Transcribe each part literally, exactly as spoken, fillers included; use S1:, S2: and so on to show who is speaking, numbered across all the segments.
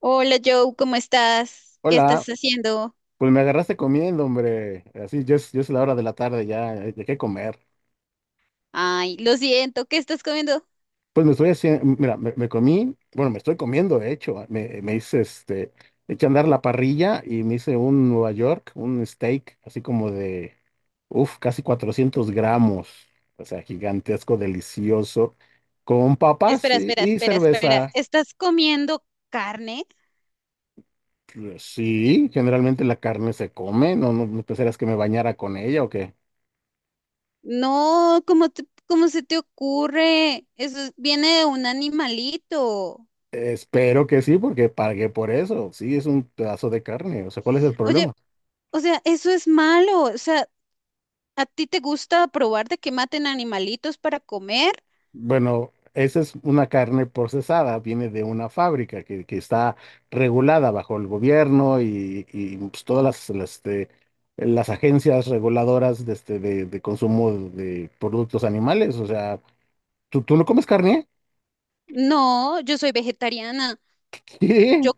S1: Hola Joe, ¿cómo estás? ¿Qué
S2: Hola,
S1: estás haciendo?
S2: pues me agarraste comiendo, hombre. Así, ya es, ya es la hora de la tarde, ya hay que comer.
S1: Ay, lo siento, ¿qué estás comiendo?
S2: Pues me estoy haciendo, mira, me, me comí, bueno, me estoy comiendo, de hecho, me, me hice este, eché a andar la parrilla y me hice un Nueva York, un steak, así como de, uff, casi cuatrocientos gramos, o sea, gigantesco, delicioso, con papas
S1: Espera,
S2: y,
S1: espera,
S2: y
S1: espera, espera.
S2: cerveza.
S1: ¿Estás comiendo carne?
S2: Eh, Sí, generalmente la carne se come, no, no, no pensarías que me bañara con ella o qué.
S1: No, ¿cómo te- ¿cómo se te ocurre? Eso es- viene de un animalito.
S2: Espero que sí, porque pagué por eso. Sí, es un pedazo de carne. O sea, ¿cuál es el
S1: Oye,
S2: problema?
S1: o sea, eso es malo. O sea, ¿a ti te gusta probar de que maten animalitos para comer?
S2: Bueno, esa es una carne procesada, viene de una fábrica que, que está regulada bajo el gobierno y, y, pues, todas las, las, este, las agencias reguladoras de, este, de, de consumo de productos animales. O sea, ¿tú, tú no comes carne?
S1: No, yo soy vegetariana.
S2: ¿Qué?
S1: Yo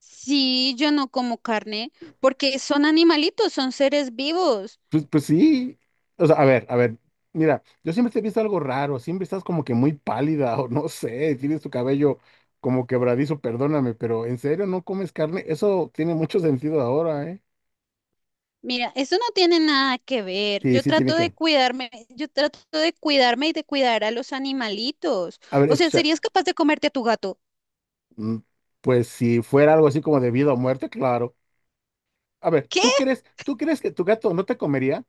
S1: sí, yo no como carne porque son animalitos, son seres vivos.
S2: Pues, pues sí. O sea, a ver, a ver. Mira, yo siempre te he visto algo raro. Siempre estás como que muy pálida o no sé. Tienes tu cabello como quebradizo, perdóname, pero ¿en serio no comes carne? Eso tiene mucho sentido ahora, ¿eh?
S1: Mira, eso no tiene nada que ver.
S2: Sí,
S1: Yo
S2: sí tiene
S1: trato de
S2: que.
S1: cuidarme, yo trato de cuidarme y de cuidar a los animalitos.
S2: A ver,
S1: O sea,
S2: escucha.
S1: ¿serías capaz de comerte a tu gato?
S2: mm, Pues si fuera algo así como de vida o muerte, claro. A ver,
S1: ¿Qué?
S2: ¿tú crees, tú crees que tu gato no te comería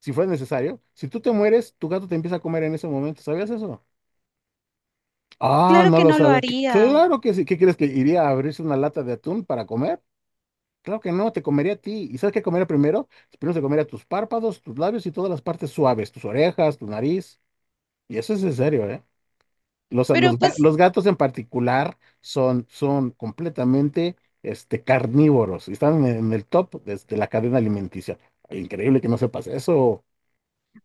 S2: si fuera necesario? Si tú te mueres, tu gato te empieza a comer en ese momento. ¿Sabías eso? Ah,
S1: Claro
S2: no
S1: que
S2: lo
S1: no lo
S2: sabía.
S1: haría.
S2: Claro que sí. ¿Qué crees que iría a abrirse una lata de atún para comer? Claro que no, te comería a ti. ¿Y sabes qué comería primero? Primero se comería tus párpados, tus labios y todas las partes suaves, tus orejas, tu nariz. Y eso es en serio, ¿eh? Los,
S1: Pero
S2: los, ga-
S1: pues,
S2: los gatos en particular son, son completamente este, carnívoros y están en, en el top de, de la cadena alimenticia. Increíble que no sepas eso.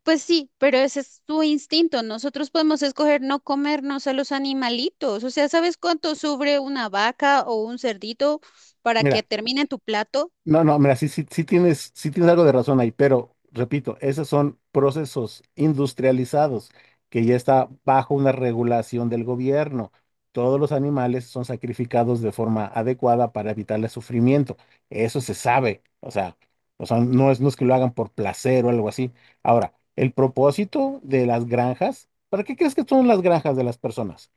S1: pues sí, pero ese es tu instinto. Nosotros podemos escoger no comernos a los animalitos. O sea, ¿sabes cuánto sufre una vaca o un cerdito para que
S2: Mira,
S1: termine en tu plato?
S2: no, no, mira, sí, sí, sí tienes, sí tienes algo de razón ahí, pero repito, esos son procesos industrializados que ya está bajo una regulación del gobierno. Todos los animales son sacrificados de forma adecuada para evitar el sufrimiento. Eso se sabe. O sea, o sea, no es, no es que lo hagan por placer o algo así. Ahora, el propósito de las granjas, ¿para qué crees que son las granjas de las personas?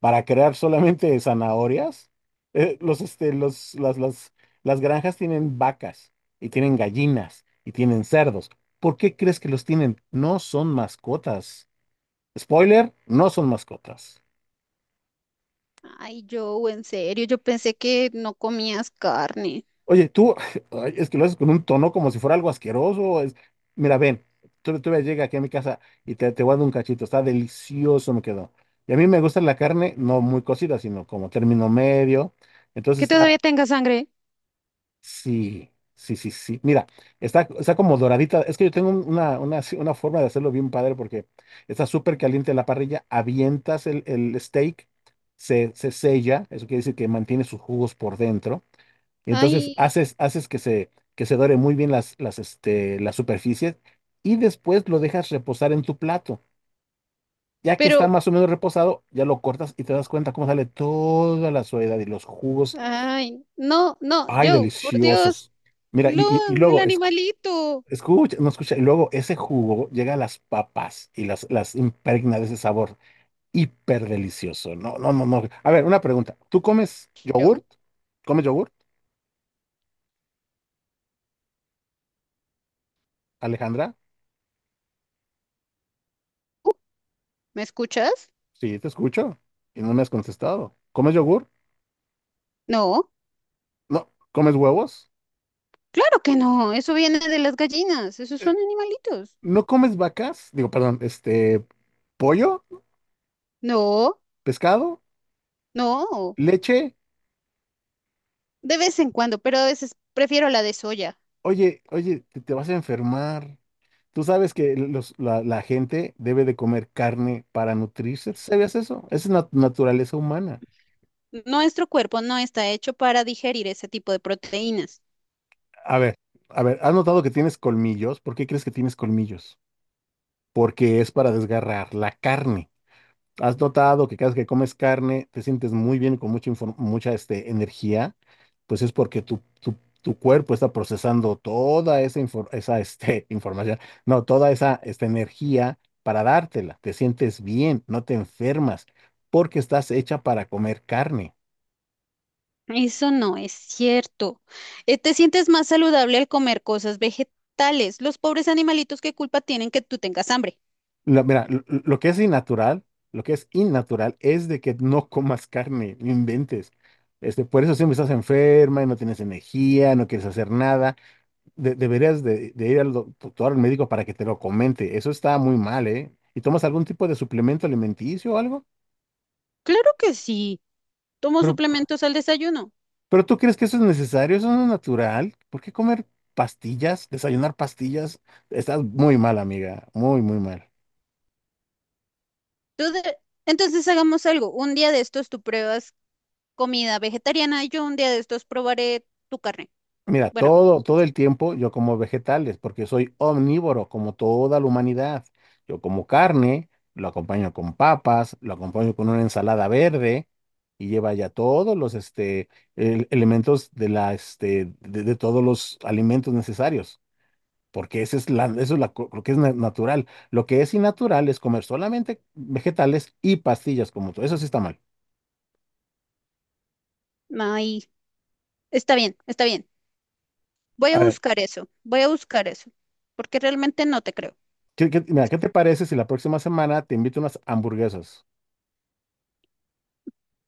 S2: Para crear solamente zanahorias. Eh, los, este, los, las, las, las granjas tienen vacas y tienen gallinas y tienen cerdos. ¿Por qué crees que los tienen? No son mascotas. Spoiler, no son mascotas.
S1: Ay, yo, en serio, yo pensé que no comías carne.
S2: Oye, tú, ay, es que lo haces con un tono como si fuera algo asqueroso. es- Mira, ven, tú, tú llega aquí a mi casa y te, te voy a dar un cachito. Está delicioso, me quedó. Y a mí me gusta la carne, no muy cocida, sino como término medio. Entonces
S1: Que todavía
S2: está.
S1: tenga sangre.
S2: Sí, sí, sí, sí. Mira, está, está como doradita. Es que yo tengo un- una, una, así- una forma de hacerlo bien padre porque está súper caliente la parrilla, avientas el, el steak, se, se sella, eso quiere decir que mantiene sus jugos por dentro. Y entonces
S1: Ay,
S2: haces, haces que se, que se dore muy bien las, las, este, las superficies y después lo dejas reposar en tu plato. Ya que está
S1: pero
S2: más o menos reposado, ya lo cortas y te das cuenta cómo sale toda la suavidad y los jugos.
S1: ay, no, no,
S2: ¡Ay,
S1: Joe, por Dios,
S2: deliciosos! Mira, y,
S1: lo,
S2: y- y
S1: el
S2: luego,
S1: animalito.
S2: escucha, no escucha. Y luego ese jugo llega a las papas y las, las impregna de ese sabor hiper delicioso. No, no, no, no. A ver, una pregunta. ¿Tú comes
S1: Joe,
S2: yogurt? ¿Comes yogurt, Alejandra?
S1: uh, ¿me escuchas?
S2: Sí, te escucho y no me has contestado. ¿Comes yogurt?
S1: No,
S2: No. ¿Comes huevos?
S1: claro que no, eso viene de las gallinas, esos
S2: Eh,
S1: son animalitos.
S2: ¿No comes vacas? Digo, perdón, este, pollo,
S1: No,
S2: pescado,
S1: no,
S2: leche.
S1: de vez en cuando, pero a veces prefiero la de soya.
S2: Oye, oye, te, te vas a enfermar. Tú sabes que los- la, la gente debe de comer carne para nutrirse. ¿Tú sabías eso? Esa es la naturaleza humana.
S1: Nuestro cuerpo no está hecho para digerir ese tipo de proteínas.
S2: A ver, a ver, ¿has notado que tienes colmillos? ¿Por qué crees que tienes colmillos? Porque es para desgarrar la carne. ¿Has notado que cada vez que comes carne te sientes muy bien, con mucha, infor- mucha este, energía? Pues es porque tu, tu, tu cuerpo está procesando toda esa, infor- esa este, información, no, toda esa esta energía para dártela. Te sientes bien, no te enfermas, porque estás hecha para comer carne.
S1: Eso no es cierto. Eh, te sientes más saludable al comer cosas vegetales. Los pobres animalitos, ¿qué culpa tienen que tú tengas hambre?
S2: Lo- mira, lo, lo que es innatural, lo que es innatural es de que no comas carne, no inventes. Este, por eso siempre estás enferma y no tienes energía, no quieres hacer nada de- deberías de, de ir al doctor, al médico para que te lo comente. Eso está muy mal, ¿eh? ¿Y tomas algún tipo de suplemento alimenticio o algo?
S1: Claro que sí, tomo
S2: Pero,
S1: suplementos al desayuno.
S2: pero ¿tú crees que eso es necesario? ¿Eso no es natural? ¿Por qué comer pastillas? ¿Desayunar pastillas? Estás muy mal, amiga. Muy, muy mal.
S1: Tú de- Entonces hagamos algo. Un día de estos tú pruebas comida vegetariana, yo un día de estos probaré tu carne.
S2: Mira,
S1: Bueno,
S2: todo, todo el tiempo yo como vegetales, porque soy omnívoro, como toda la humanidad. Yo como carne, lo acompaño con papas, lo acompaño con una ensalada verde y lleva ya todos los este, el- elementos de la, este, de, de todos los alimentos necesarios, porque esa es la, eso es la co- lo que es na- natural. Lo que es innatural es comer solamente vegetales y pastillas como tú. Eso sí está mal.
S1: ahí está bien, está bien. Voy
S2: A
S1: a
S2: ver,
S1: buscar eso, voy a buscar eso, porque realmente no te creo.
S2: ¿qué, qué- mira, ¿qué te parece si la próxima semana te invito a unas hamburguesas?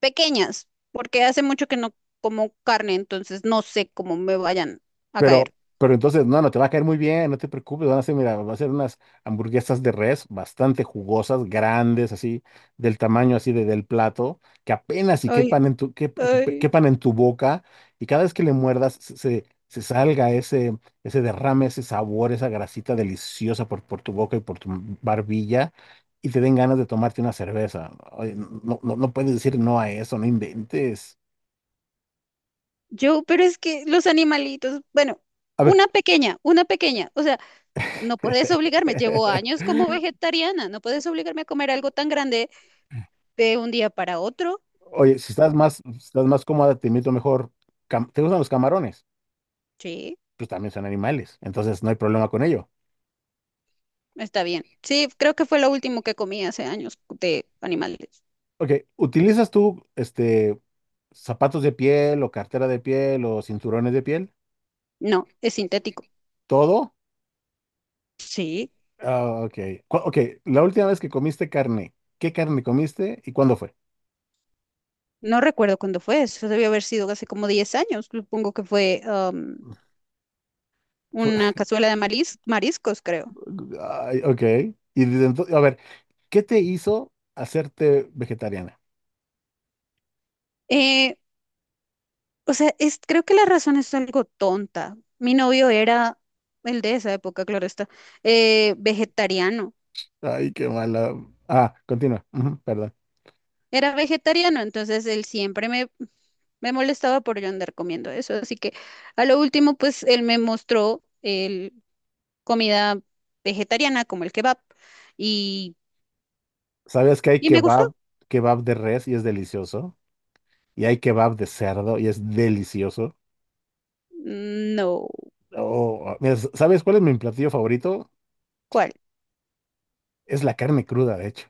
S1: Pequeñas, porque hace mucho que no como carne, entonces no sé cómo me vayan a
S2: Pero,
S1: caer.
S2: pero entonces, no, no te va a caer muy bien, no te preocupes, van a ser, mira, va a ser unas hamburguesas de res bastante jugosas, grandes, así, del tamaño así de, del plato, que apenas y
S1: Ay,
S2: quepan en tu, que- que-
S1: ay.
S2: quepan en tu boca, y cada vez que le muerdas se, se- se salga ese, ese derrame, ese sabor, esa grasita deliciosa por, por tu boca y por tu barbilla, y te den ganas de tomarte una cerveza. Ay, no, no, no puedes decir no a eso, no inventes.
S1: Yo, pero es que los animalitos, bueno,
S2: A ver.
S1: una pequeña, una pequeña, o sea. No puedes obligarme, llevo años como vegetariana, no puedes obligarme a comer algo tan grande de un día para otro.
S2: Oye, si estás más, si estás más cómoda, te invito mejor. cam- ¿Te gustan los camarones?
S1: Sí,
S2: Pues también son animales, entonces no hay problema con ello.
S1: está bien. Sí, creo que fue lo último que comí hace años de animales.
S2: Ok, ¿utilizas tú este zapatos de piel o cartera de piel o cinturones de piel?
S1: No, es sintético.
S2: ¿Todo?
S1: Sí,
S2: Ah, ok. Cu- Ok, la última vez que comiste carne, ¿qué carne comiste y cuándo fue?
S1: no recuerdo cuándo fue, eso debió haber sido hace como diez años, supongo que fue am,
S2: Fue-
S1: una cazuela de maris- mariscos, creo.
S2: Ay, ok. Y desde entonces, a ver, ¿qué te hizo hacerte vegetariana?
S1: Eh, o sea, es, creo que la razón es algo tonta. Mi novio era, el de esa época, claro está, eh, vegetariano.
S2: Ay, qué mala. Ah, continúa. Ujú, perdón.
S1: Era vegetariano, entonces él siempre me, me molestaba por yo andar comiendo eso. Así que a lo último, pues él me mostró el, comida vegetariana como el kebab y,
S2: ¿Sabes que hay
S1: y me gustó.
S2: kebab, kebab de res y es delicioso? Y hay kebab de cerdo y es delicioso.
S1: No,
S2: Oh, mira, ¿sabes cuál es mi platillo favorito?
S1: ¿cuál?
S2: Es la carne cruda, de hecho.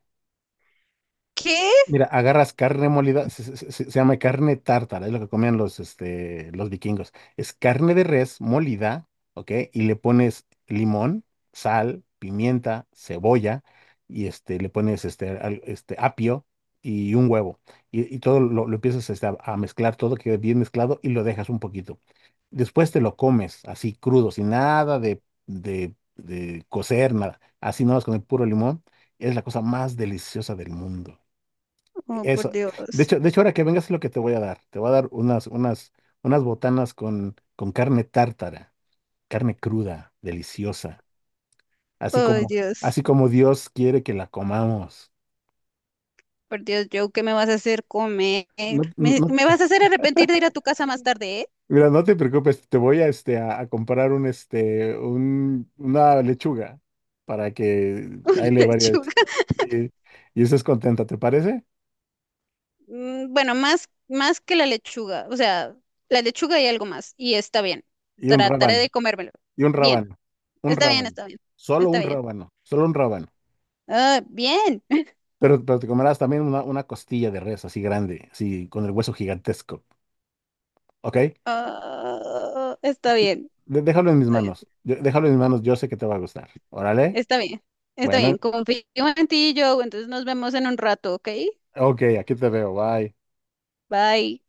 S1: ¿Qué?
S2: Mira, agarras carne molida, se, se- se- se llama carne tártara, es lo que comían los, este, los vikingos. Es carne de res molida, ¿ok? Y le pones limón, sal, pimienta, cebolla, y este, le pones este, al- este apio y un huevo. Y, y todo lo, lo empiezas este, a, a mezclar, todo queda bien mezclado y lo dejas un poquito. Después te lo comes así crudo, sin nada de, de, de cocer, nada. Así nomás con el puro limón. Es la cosa más deliciosa del mundo.
S1: Oh, por
S2: Eso. De
S1: Dios.
S2: hecho, de hecho, ahora que vengas es lo que te voy a dar. Te voy a dar unas, unas, unas botanas con, con carne tártara, carne cruda, deliciosa. Así
S1: Oh,
S2: como,
S1: Dios.
S2: así como Dios quiere que la comamos.
S1: Por Dios, Joe, ¿qué me vas a hacer comer?
S2: No,
S1: ¿Me,
S2: no-
S1: me vas a hacer arrepentir de ir a tu casa más tarde, eh?
S2: mira, no te preocupes, te voy a, este, a, a comprar un, este, un, una lechuga para que
S1: Una
S2: ahí le varias
S1: lechuga.
S2: y, y estés contenta, ¿te parece?
S1: Mm, bueno, más, más que la lechuga, o sea, la lechuga y algo más, y está bien.
S2: Y un
S1: Trataré
S2: rábano,
S1: de comérmelo.
S2: y un
S1: Bien,
S2: rábano, un
S1: está bien,
S2: rábano,
S1: está bien,
S2: solo
S1: está
S2: un
S1: bien.
S2: rábano, solo un rábano.
S1: Ah, bien.
S2: Pero, pero te comerás también una, una costilla de res así grande, así con el hueso gigantesco, ¿ok?
S1: Ah, está bien,
S2: De- déjalo en mis
S1: está bien,
S2: manos, yo déjalo en mis manos, yo sé que te va a gustar. Órale,
S1: está bien, está
S2: bueno,
S1: bien. Confío en ti, Joe, entonces nos vemos en un rato, ¿ok?
S2: ok, aquí te veo, bye.
S1: Bye.